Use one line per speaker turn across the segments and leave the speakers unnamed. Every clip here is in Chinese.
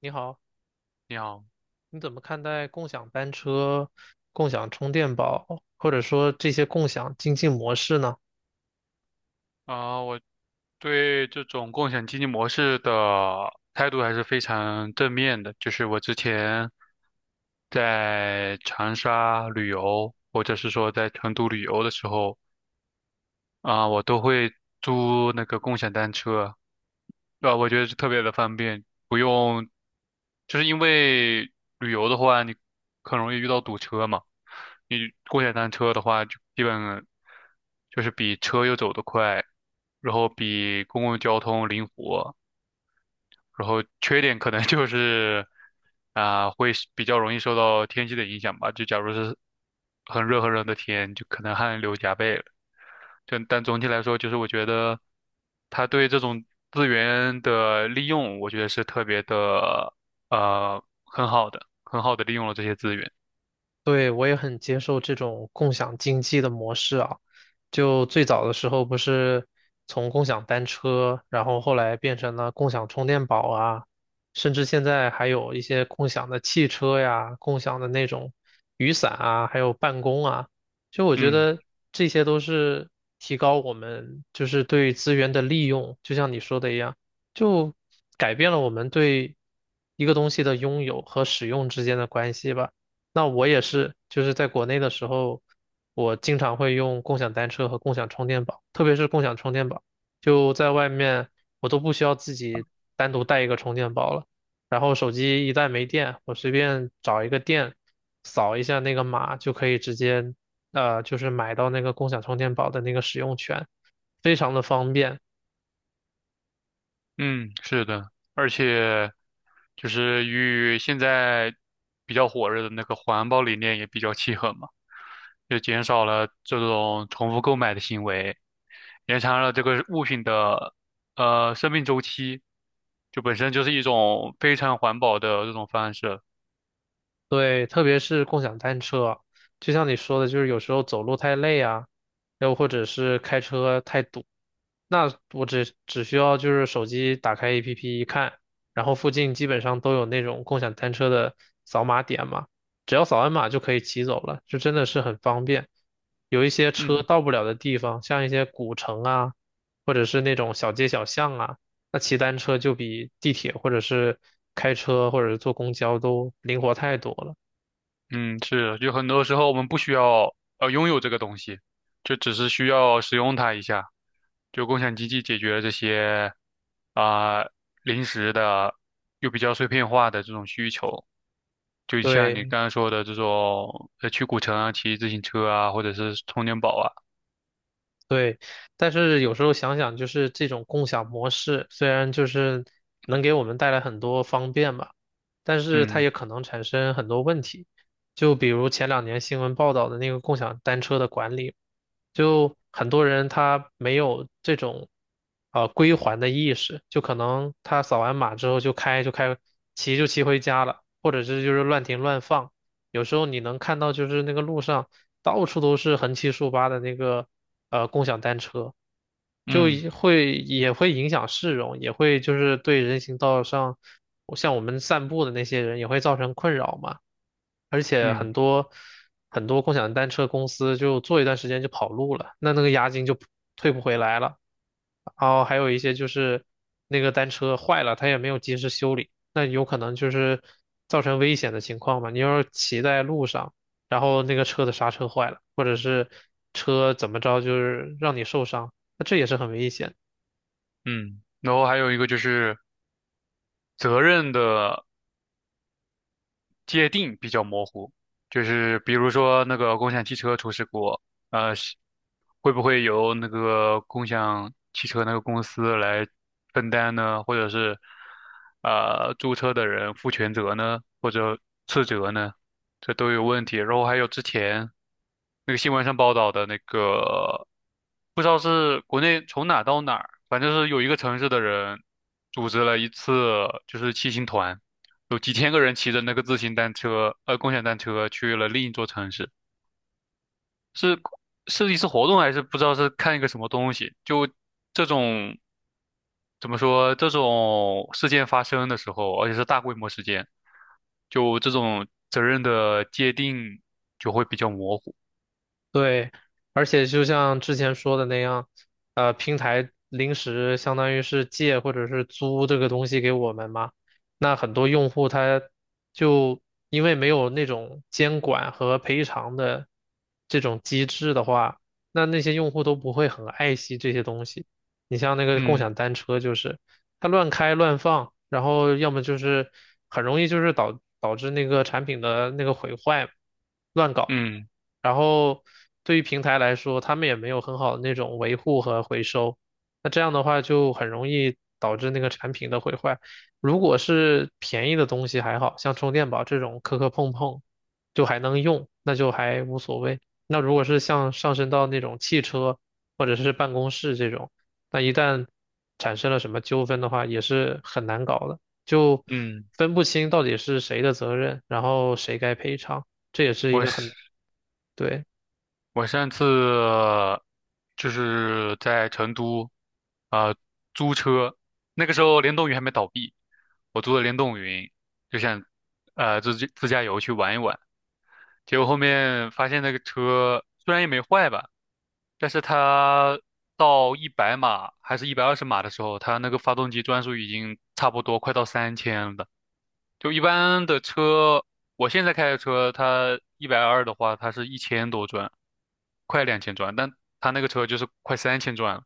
你好，
你好，
你怎么看待共享单车、共享充电宝，或者说这些共享经济模式呢？
我对这种共享经济模式的态度还是非常正面的。就是我之前在长沙旅游，或者是说在成都旅游的时候，我都会租那个共享单车，对吧？我觉得是特别的方便，不用，就是因为旅游的话，你很容易遇到堵车嘛。你共享单车的话，就基本就是比车又走得快，然后比公共交通灵活，然后缺点可能就是会是比较容易受到天气的影响吧。就假如是很热很热的天，就可能汗流浃背了。就但总体来说，就是我觉得他对这种资源的利用，我觉得是特别的很好的，很好的利用了这些资源。
对，我也很接受这种共享经济的模式啊。就最早的时候不是从共享单车，然后后来变成了共享充电宝啊，甚至现在还有一些共享的汽车呀、共享的那种雨伞啊，还有办公啊。就我觉
嗯
得这些都是提高我们就是对资源的利用，就像你说的一样，就改变了我们对一个东西的拥有和使用之间的关系吧。那我也是，就是在国内的时候，我经常会用共享单车和共享充电宝，特别是共享充电宝，就在外面我都不需要自己单独带一个充电宝了。然后手机一旦没电，我随便找一个店，扫一下那个码就可以直接，就是买到那个共享充电宝的那个使用权，非常的方便。
嗯，是的，而且就是与现在比较火热的那个环保理念也比较契合嘛。就减少了这种重复购买的行为，延长了这个物品的生命周期，就本身就是一种非常环保的这种方式。
对，特别是共享单车，就像你说的，就是有时候走路太累啊，又或者是开车太堵，那我只需要就是手机打开 APP 一看，然后附近基本上都有那种共享单车的扫码点嘛，只要扫完码就可以骑走了，就真的是很方便。有一些车
嗯
到不了的地方，像一些古城啊，或者是那种小街小巷啊。那骑单车就比地铁或者是开车或者是坐公交都灵活太多了。
嗯，是，就很多时候我们不需要拥有这个东西，就只是需要使用它一下。就共享经济解决了这些啊、临时的又比较碎片化的这种需求。就像你
对，
刚刚说的这种，去古城啊，骑自行车啊，或者是充电宝啊，
对，但是有时候想想，就是这种共享模式，虽然就是能给我们带来很多方便吧，但是它
嗯
也可能产生很多问题。就比如前两年新闻报道的那个共享单车的管理，就很多人他没有这种归还的意识，就可能他扫完码之后就开，骑就骑回家了，或者是就是乱停乱放。有时候你能看到，就是那个路上到处都是横七竖八的那个共享单车，就
嗯
也会也会影响市容，也会就是对人行道上像我们散步的那些人也会造成困扰嘛。而且
嗯
很多共享单车公司就做一段时间就跑路了，那那个押金就退不回来了。然后还有一些就是那个单车坏了，他也没有及时修理，那有可能就是造成危险的情况嘛。你要是骑在路上，然后那个车的刹车坏了，或者是车怎么着就是让你受伤，那这也是很危险的。
嗯，然后还有一个就是责任的界定比较模糊，就是比如说那个共享汽车出事故，是会不会由那个共享汽车那个公司来分担呢？或者是租车的人负全责呢？或者次责呢？这都有问题。然后还有之前那个新闻上报道的那个，不知道是国内从哪到哪儿，反正是有一个城市的人组织了一次就是骑行团，有几千个人骑着那个自行单车，共享单车去了另一座城市，是是一次活动还是不知道是看一个什么东西？就这种怎么说，这种事件发生的时候，而且是大规模事件，就这种责任的界定就会比较模糊。
对，而且就像之前说的那样，平台临时相当于是借或者是租这个东西给我们嘛，那很多用户他就因为没有那种监管和赔偿的这种机制的话，那那些用户都不会很爱惜这些东西。你像那个共享
嗯
单车，就是它乱开乱放，然后要么就是很容易就是导致那个产品的那个毁坏，乱搞。
嗯
然后对于平台来说，他们也没有很好的那种维护和回收，那这样的话就很容易导致那个产品的毁坏。如果是便宜的东西还好，像充电宝这种磕磕碰碰，就还能用，那就还无所谓。那如果是像上升到那种汽车或者是办公室这种，那一旦产生了什么纠纷的话，也是很难搞的，就
嗯。
分不清到底是谁的责任，然后谁该赔偿，这也是一
我
个
是
很，对。
我上次就是在成都，啊呃租车，那个时候联动云还没倒闭，我租的联动云，就想自己自驾游去玩一玩。结果后面发现那个车虽然也没坏吧，但是它到一百码还是一百二十码的时候，它那个发动机转速已经差不多快到三千了。就一般的车，我现在开的车，它一百二的话，它是一千多转，快两千转，但它那个车就是快三千转了。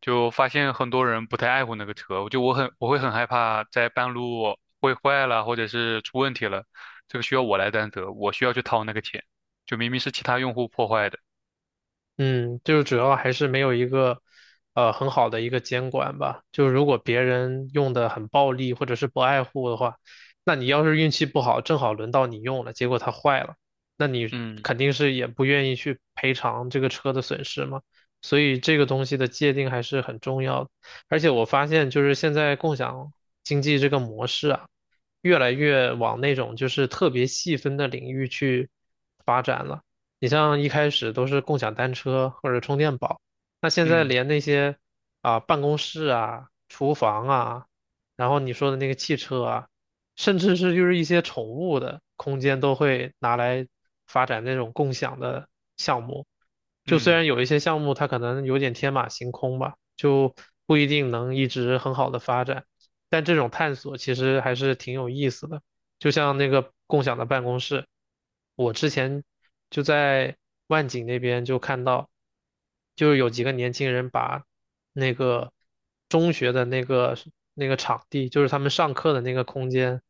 就发现很多人不太爱护那个车，我会很害怕在半路会坏了，或者是出问题了，这个需要我来担责，我需要去掏那个钱，就明明是其他用户破坏的。
嗯，就是主要还是没有一个很好的一个监管吧。就如果别人用的很暴力或者是不爱护的话，那你要是运气不好，正好轮到你用了，结果它坏了，那你
嗯
肯定是也不愿意去赔偿这个车的损失嘛。所以这个东西的界定还是很重要的。而且我发现，就是现在共享经济这个模式啊，越来越往那种就是特别细分的领域去发展了。你像一开始都是共享单车或者充电宝，那现在
嗯
连那些啊、办公室啊、厨房啊，然后你说的那个汽车啊，甚至是就是一些宠物的空间都会拿来发展那种共享的项目。就虽
嗯。
然有一些项目它可能有点天马行空吧，就不一定能一直很好的发展，但这种探索其实还是挺有意思的。就像那个共享的办公室，我之前就在万景那边就看到，就是有几个年轻人把那个中学的那个场地，就是他们上课的那个空间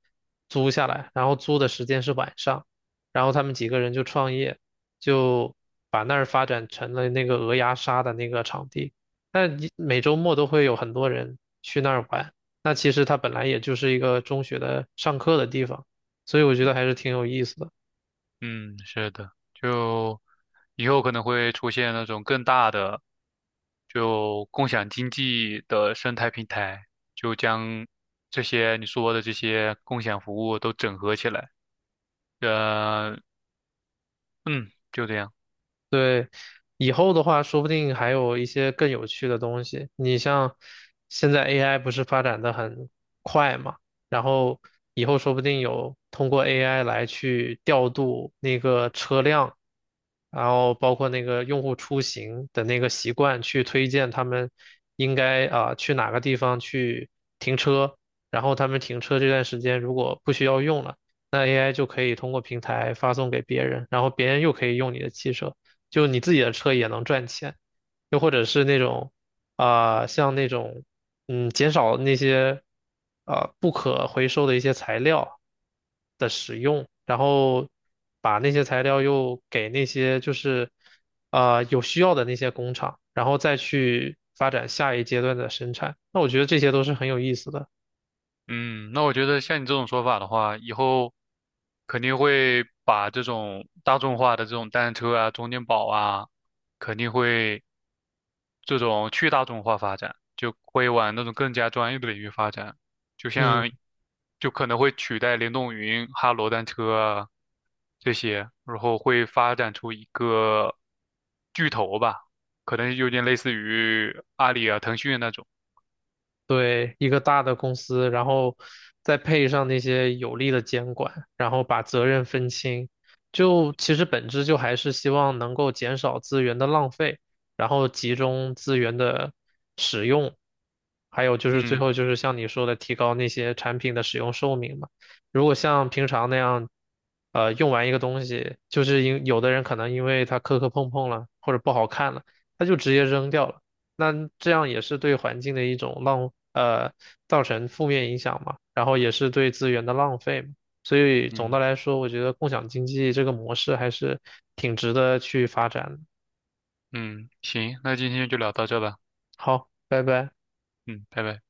租下来，然后租的时间是晚上，然后他们几个人就创业，就把那儿发展成了那个鹅鸭杀的那个场地，但一每周末都会有很多人去那儿玩。那其实它本来也就是一个中学的上课的地方，所以我觉得还是挺有意思的。
嗯，是的，就以后可能会出现那种更大的，就共享经济的生态平台，就将这些你说的这些共享服务都整合起来。呃，嗯，就这样。
对，以后的话，说不定还有一些更有趣的东西。你像现在 AI 不是发展的很快嘛，然后以后说不定有通过 AI 来去调度那个车辆，然后包括那个用户出行的那个习惯，去推荐他们应该啊、去哪个地方去停车，然后他们停车这段时间如果不需要用了。那 AI 就可以通过平台发送给别人，然后别人又可以用你的汽车，就你自己的车也能赚钱，又或者是那种啊、像那种嗯，减少那些不可回收的一些材料的使用，然后把那些材料又给那些就是有需要的那些工厂，然后再去发展下一阶段的生产。那我觉得这些都是很有意思的，
嗯，那我觉得像你这种说法的话，以后肯定会把这种大众化的这种单车啊、充电宝啊，肯定会。这种去大众化发展，就会往那种更加专业的领域发展，就
嗯。
像就可能会取代联动云、哈罗单车啊这些，然后会发展出一个巨头吧，可能有点类似于阿里啊、腾讯那种。
对，一个大的公司，然后再配上那些有力的监管，然后把责任分清，就其实本质就还是希望能够减少资源的浪费，然后集中资源的使用，还有就是最
嗯
后就是像你说的，提高那些产品的使用寿命嘛。如果像平常那样，用完一个东西，就是因有的人可能因为它磕磕碰碰了，或者不好看了，他就直接扔掉了。那这样也是对环境的一种浪，造成负面影响嘛，然后也是对资源的浪费嘛。所以总的
嗯
来说，我觉得共享经济这个模式还是挺值得去发展的。
嗯，行，那今天就聊到这吧。
好，拜拜。
嗯，拜拜。